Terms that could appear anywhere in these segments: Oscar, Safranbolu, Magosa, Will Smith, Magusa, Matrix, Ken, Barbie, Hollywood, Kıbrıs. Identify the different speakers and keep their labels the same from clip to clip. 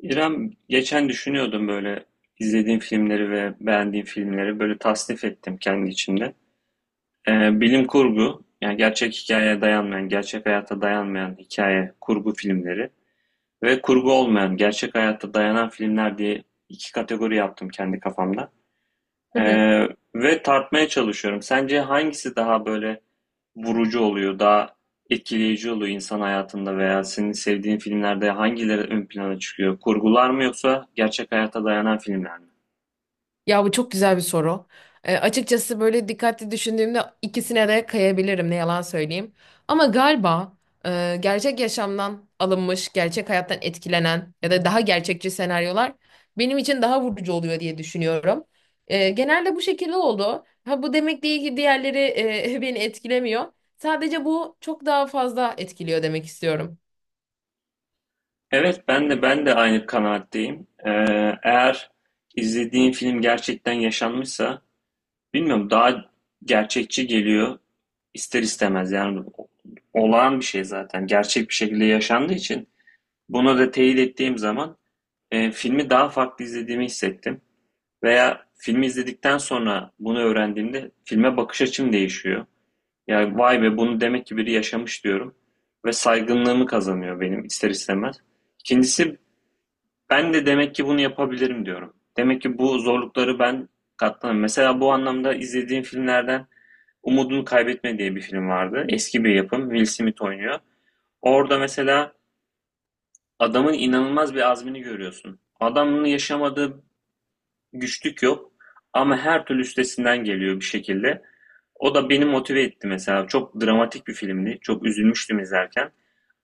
Speaker 1: İrem geçen düşünüyordum böyle izlediğim filmleri ve beğendiğim filmleri böyle tasnif ettim kendi içimde. Bilim kurgu yani gerçek hikayeye dayanmayan, gerçek hayata dayanmayan hikaye kurgu filmleri ve kurgu olmayan, gerçek hayata dayanan filmler diye iki kategori yaptım kendi kafamda.
Speaker 2: Hı hı.
Speaker 1: Ee, Ve tartmaya çalışıyorum. Sence hangisi daha böyle vurucu oluyor, daha etkileyici oluyor insan hayatında veya senin sevdiğin filmlerde hangileri ön plana çıkıyor? Kurgular mı yoksa gerçek hayata dayanan filmler mi?
Speaker 2: Ya bu çok güzel bir soru. Açıkçası böyle dikkatli düşündüğümde ikisine de kayabilirim, ne yalan söyleyeyim. Ama galiba gerçek yaşamdan alınmış, gerçek hayattan etkilenen ya da daha gerçekçi senaryolar benim için daha vurucu oluyor diye düşünüyorum. Genelde bu şekilde oldu. Ha bu demek değil ki diğerleri beni etkilemiyor. Sadece bu çok daha fazla etkiliyor demek istiyorum.
Speaker 1: Evet, ben de aynı kanaatteyim. Eğer izlediğin film gerçekten yaşanmışsa, bilmiyorum daha gerçekçi geliyor ister istemez. Yani olağan bir şey zaten, gerçek bir şekilde yaşandığı için. Bunu da teyit ettiğim zaman. Filmi daha farklı izlediğimi hissettim. Veya filmi izledikten sonra bunu öğrendiğimde filme bakış açım değişiyor. Yani vay be bunu demek ki biri yaşamış diyorum. Ve saygınlığımı kazanıyor benim ister istemez. İkincisi ben de demek ki bunu yapabilirim diyorum. Demek ki bu zorlukları ben katlanırım. Mesela bu anlamda izlediğim filmlerden Umudunu Kaybetme diye bir film vardı. Eski bir yapım. Will Smith oynuyor. Orada mesela adamın inanılmaz bir azmini görüyorsun. Adam bunu yaşamadı, güçlük yok. Ama her türlü üstesinden geliyor bir şekilde. O da beni motive etti mesela. Çok dramatik bir filmdi. Çok üzülmüştüm izlerken.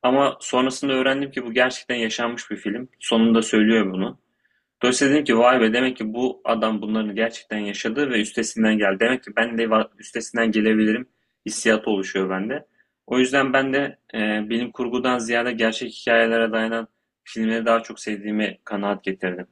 Speaker 1: Ama sonrasında öğrendim ki bu gerçekten yaşanmış bir film. Sonunda söylüyor bunu. Dolayısıyla dedim ki vay be demek ki bu adam bunların gerçekten yaşadı ve üstesinden geldi. Demek ki ben de üstesinden gelebilirim hissiyatı oluşuyor bende. O yüzden ben de bilim kurgudan ziyade gerçek hikayelere dayanan filmleri daha çok sevdiğimi kanaat getirdim.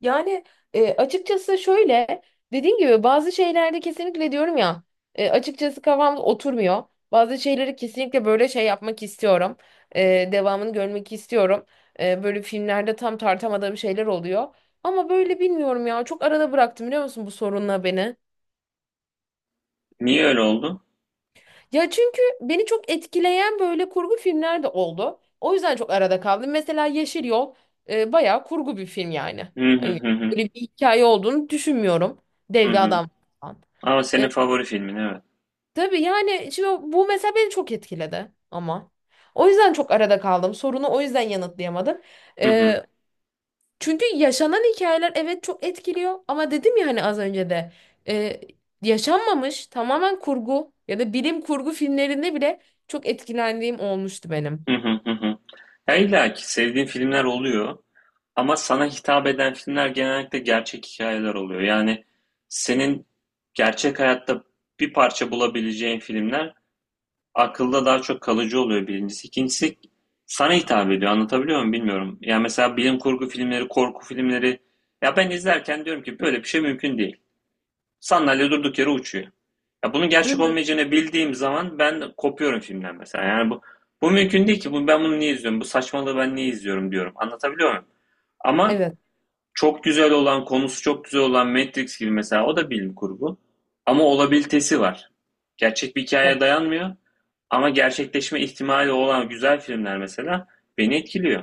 Speaker 2: Yani açıkçası şöyle, dediğim gibi bazı şeylerde kesinlikle diyorum ya, açıkçası kafam oturmuyor. Bazı şeyleri kesinlikle böyle şey yapmak istiyorum. Devamını görmek istiyorum. Böyle filmlerde tam tartamadığım şeyler oluyor. Ama böyle bilmiyorum ya, çok arada bıraktım, biliyor musun, bu sorunla beni.
Speaker 1: Niye öyle oldu?
Speaker 2: Ya çünkü beni çok etkileyen böyle kurgu filmler de oldu. O yüzden çok arada kaldım. Mesela Yeşil Yol bayağı kurgu bir film yani.
Speaker 1: Hı hı
Speaker 2: Hani
Speaker 1: hı hı.
Speaker 2: böyle bir hikaye olduğunu düşünmüyorum. Dev
Speaker 1: Hı
Speaker 2: bir
Speaker 1: hı.
Speaker 2: adam falan.
Speaker 1: Ama senin
Speaker 2: E,
Speaker 1: favori filmin evet.
Speaker 2: tabii yani şimdi bu mesela beni çok etkiledi ama. O yüzden çok arada kaldım. Sorunu o yüzden yanıtlayamadım.
Speaker 1: Hı hı.
Speaker 2: E, Çünkü yaşanan hikayeler evet çok etkiliyor ama dedim ya hani az önce de e, yaşanmamış tamamen kurgu ya da bilim kurgu filmlerinde bile çok etkilendiğim olmuştu benim.
Speaker 1: Hı hı hı hı. Ya illa ki sevdiğin filmler oluyor ama sana hitap eden filmler genellikle gerçek hikayeler oluyor. Yani senin gerçek hayatta bir parça bulabileceğin filmler akılda daha çok kalıcı oluyor birincisi. İkincisi sana hitap ediyor. Anlatabiliyor muyum bilmiyorum. Yani mesela bilim kurgu filmleri, korku filmleri ya ben izlerken diyorum ki böyle bir şey mümkün değil. Sandalye durduk yere uçuyor. Ya bunun
Speaker 2: Hı
Speaker 1: gerçek
Speaker 2: hı.
Speaker 1: olmayacağını bildiğim zaman ben kopuyorum filmden mesela. Yani bu mümkün değil ki. Bu, ben bunu niye izliyorum? Bu saçmalığı ben niye izliyorum diyorum. Anlatabiliyor muyum? Ama
Speaker 2: Evet.
Speaker 1: çok güzel olan, konusu çok güzel olan Matrix gibi mesela o da bilim kurgu. Ama olabilitesi var. Gerçek bir
Speaker 2: Evet.
Speaker 1: hikayeye dayanmıyor. Ama gerçekleşme ihtimali olan güzel filmler mesela beni etkiliyor.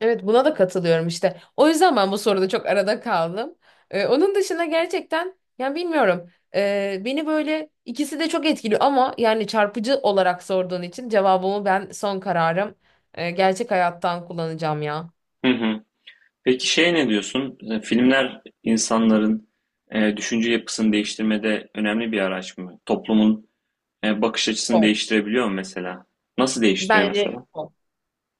Speaker 2: Evet, buna da katılıyorum işte. O yüzden ben bu soruda çok arada kaldım. Onun dışında gerçekten yani bilmiyorum. Beni böyle ikisi de çok etkiliyor ama yani çarpıcı olarak sorduğun için cevabımı, ben son kararım gerçek hayattan kullanacağım ya.
Speaker 1: Hı hı. Peki şey ne diyorsun? E, filmler insanların düşünce yapısını değiştirmede önemli bir araç mı? Toplumun bakış açısını
Speaker 2: Sol.
Speaker 1: değiştirebiliyor mu mesela? Nasıl değiştiriyor
Speaker 2: Bence
Speaker 1: mesela?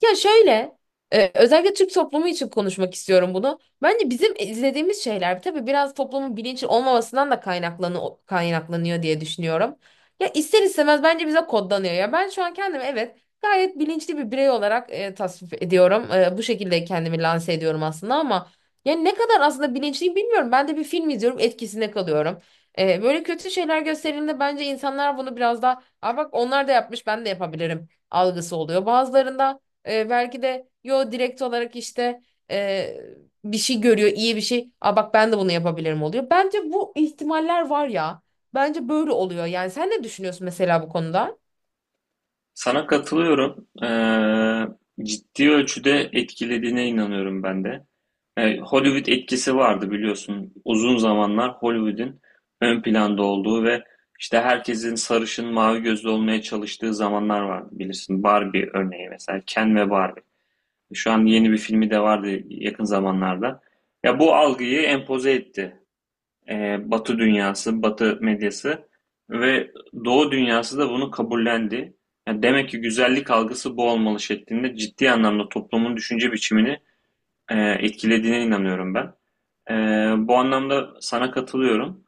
Speaker 2: ya şöyle, özellikle Türk toplumu için konuşmak istiyorum bunu. Bence bizim izlediğimiz şeyler tabii biraz toplumun bilinçli olmamasından da kaynaklanıyor diye düşünüyorum. Ya ister istemez bence bize kodlanıyor. Ya ben şu an kendimi, evet, gayet bilinçli bir birey olarak tasvip ediyorum. Bu şekilde kendimi lanse ediyorum aslında ama yani ne kadar aslında bilinçliyim bilmiyorum. Ben de bir film izliyorum, etkisinde kalıyorum. Böyle kötü şeyler gösterildiğinde bence insanlar bunu biraz daha, aa, bak onlar da yapmış ben de yapabilirim algısı oluyor. Bazılarında belki de yo, direkt olarak işte e, bir şey görüyor, iyi bir şey. Aa bak ben de bunu yapabilirim oluyor. Bence bu ihtimaller var ya. Bence böyle oluyor. Yani sen ne düşünüyorsun mesela bu konuda?
Speaker 1: Sana katılıyorum. E, ciddi ölçüde etkilediğine inanıyorum ben de. E, Hollywood etkisi vardı biliyorsun. Uzun zamanlar Hollywood'in ön planda olduğu ve işte herkesin sarışın, mavi gözlü olmaya çalıştığı zamanlar vardı bilirsin. Barbie örneği mesela. Ken ve Barbie. Şu an yeni bir filmi de vardı yakın zamanlarda. Ya bu algıyı empoze etti. Batı dünyası, Batı medyası ve Doğu dünyası da bunu kabullendi. Yani demek ki güzellik algısı bu olmalı şeklinde ciddi anlamda toplumun düşünce biçimini etkilediğine inanıyorum ben. Ee, Bu anlamda sana katılıyorum.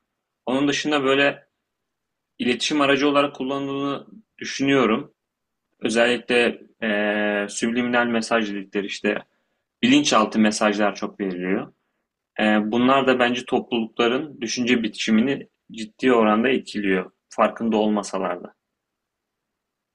Speaker 1: Onun dışında böyle iletişim aracı olarak kullanıldığını düşünüyorum. Özellikle subliminal mesaj dedikleri işte bilinçaltı mesajlar çok veriliyor. Bunlar da bence toplulukların düşünce biçimini ciddi oranda etkiliyor, farkında olmasalar da.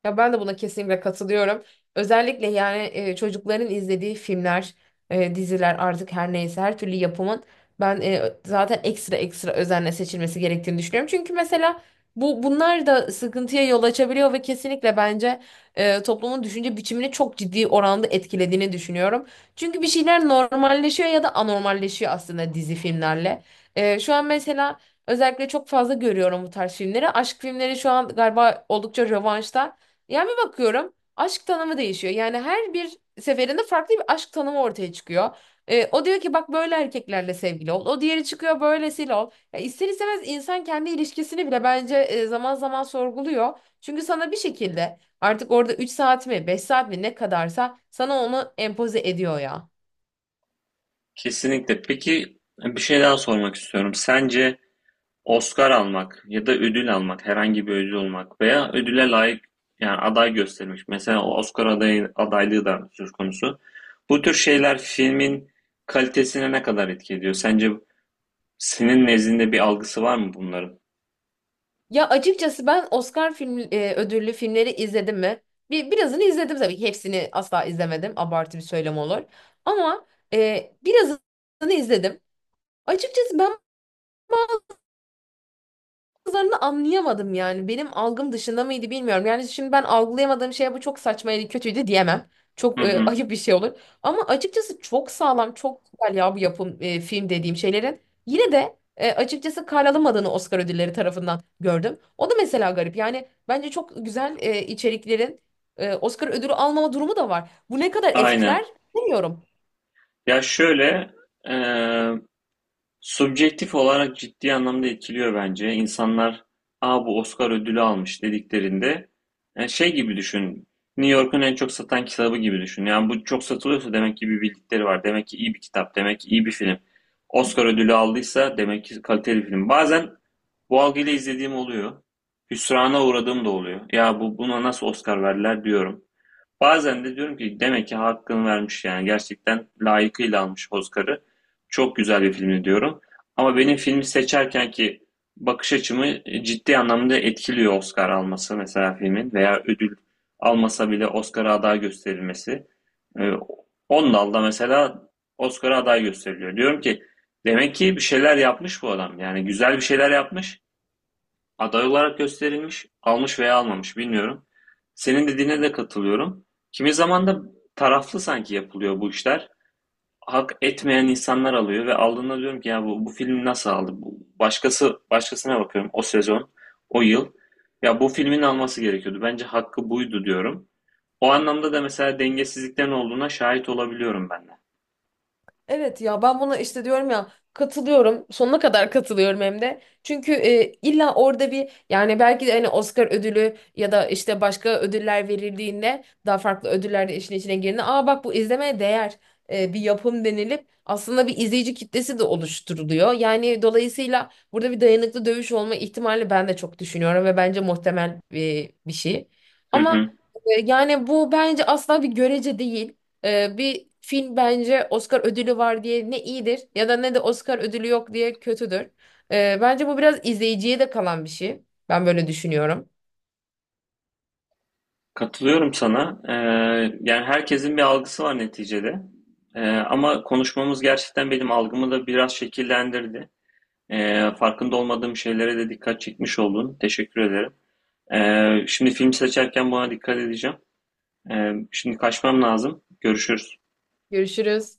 Speaker 2: Ya ben de buna kesinlikle katılıyorum. Özellikle yani çocukların izlediği filmler, diziler artık her neyse, her türlü yapımın ben zaten ekstra ekstra özenle seçilmesi gerektiğini düşünüyorum. Çünkü mesela bu bunlar da sıkıntıya yol açabiliyor ve kesinlikle bence toplumun düşünce biçimini çok ciddi oranda etkilediğini düşünüyorum. Çünkü bir şeyler normalleşiyor ya da anormalleşiyor aslında dizi filmlerle. Şu an mesela özellikle çok fazla görüyorum bu tarz filmleri. Aşk filmleri şu an galiba oldukça revaçta. Yani bir bakıyorum aşk tanımı değişiyor. Yani her bir seferinde farklı bir aşk tanımı ortaya çıkıyor. O diyor ki bak böyle erkeklerle sevgili ol. O diğeri çıkıyor böylesiyle ol. Ya ister istemez insan kendi ilişkisini bile bence zaman zaman sorguluyor. Çünkü sana bir şekilde artık orada üç saat mi beş saat mi ne kadarsa sana onu empoze ediyor ya.
Speaker 1: Kesinlikle. Peki bir şey daha sormak istiyorum. Sence Oscar almak ya da ödül almak, herhangi bir ödül olmak veya ödüle layık yani aday gösterilmiş. Mesela o Oscar adayı, adaylığı da söz konusu. Bu tür şeyler filmin kalitesine ne kadar etki ediyor? Sence senin nezdinde bir algısı var mı bunların?
Speaker 2: Ya açıkçası ben Oscar film ödüllü filmleri izledim mi? Birazını izledim tabii ki. Hepsini asla izlemedim. Abartı bir söylem olur. Ama birazını izledim. Açıkçası ben kızlarını anlayamadım yani. Benim algım dışında mıydı bilmiyorum. Yani şimdi ben algılayamadığım şeye bu çok saçmaydı, kötüydü diyemem.
Speaker 1: Hı
Speaker 2: Çok
Speaker 1: hı.
Speaker 2: ayıp bir şey olur. Ama açıkçası çok sağlam, çok güzel ya bu yapım film dediğim şeylerin. Yine de açıkçası karalamadığını Oscar ödülleri tarafından gördüm. O da mesela garip. Yani bence çok güzel içeriklerin Oscar ödülü almama durumu da var. Bu ne kadar etkiler
Speaker 1: Aynen.
Speaker 2: bilmiyorum.
Speaker 1: Ya şöyle, eee, subjektif olarak ciddi anlamda etkiliyor bence. İnsanlar, aa bu Oscar ödülü almış dediklerinde, yani şey gibi düşün, New York'un en çok satan kitabı gibi düşün. Yani bu çok satılıyorsa demek ki bir bildikleri var, demek ki iyi bir kitap, demek ki iyi bir film. Oscar ödülü aldıysa demek ki kaliteli film. Bazen bu algıyla izlediğim oluyor. Hüsrana uğradığım da oluyor. Ya bu buna nasıl Oscar verdiler diyorum. Bazen de diyorum ki demek ki hakkını vermiş yani gerçekten layıkıyla almış Oscar'ı. Çok güzel bir filmdi diyorum. Ama benim filmi seçerken ki bakış açımı ciddi anlamda etkiliyor Oscar alması mesela filmin veya ödül almasa bile Oscar'a aday gösterilmesi. Ee, 10 dalda mesela Oscar'a aday gösteriliyor. Diyorum ki demek ki bir şeyler yapmış bu adam. Yani güzel bir şeyler yapmış. Aday olarak gösterilmiş, almış veya almamış bilmiyorum. Senin dediğine de katılıyorum. Kimi zaman da taraflı sanki yapılıyor bu işler. Hak etmeyen insanlar alıyor ve aldığında diyorum ki ya bu film nasıl aldı? Bu, başkası başkasına bakıyorum o sezon, o yıl. Ya bu filmin alması gerekiyordu. Bence hakkı buydu diyorum. O anlamda da mesela dengesizliklerin olduğuna şahit olabiliyorum ben de.
Speaker 2: Evet ya ben buna işte diyorum ya, katılıyorum, sonuna kadar katılıyorum hem de, çünkü illa orada bir, yani belki de hani Oscar ödülü ya da işte başka ödüller verildiğinde, daha farklı ödüller de işin içine girdiğinde, aa bak bu izlemeye değer bir yapım denilip aslında bir izleyici kitlesi de oluşturuluyor, yani dolayısıyla burada bir dayanıklı dövüş olma ihtimali ben de çok düşünüyorum ve bence muhtemel bir şey
Speaker 1: Hı
Speaker 2: ama
Speaker 1: hı.
Speaker 2: yani bu bence asla bir görece değil. Bir film bence Oscar ödülü var diye ne iyidir ya da ne de Oscar ödülü yok diye kötüdür. Bence bu biraz izleyiciye de kalan bir şey. Ben böyle düşünüyorum.
Speaker 1: Katılıyorum sana. Yani herkesin bir algısı var neticede. Ama konuşmamız gerçekten benim algımı da biraz şekillendirdi. Farkında olmadığım şeylere de dikkat çekmiş oldun. Teşekkür ederim. Şimdi film seçerken buna dikkat edeceğim. Şimdi kaçmam lazım. Görüşürüz.
Speaker 2: Görüşürüz.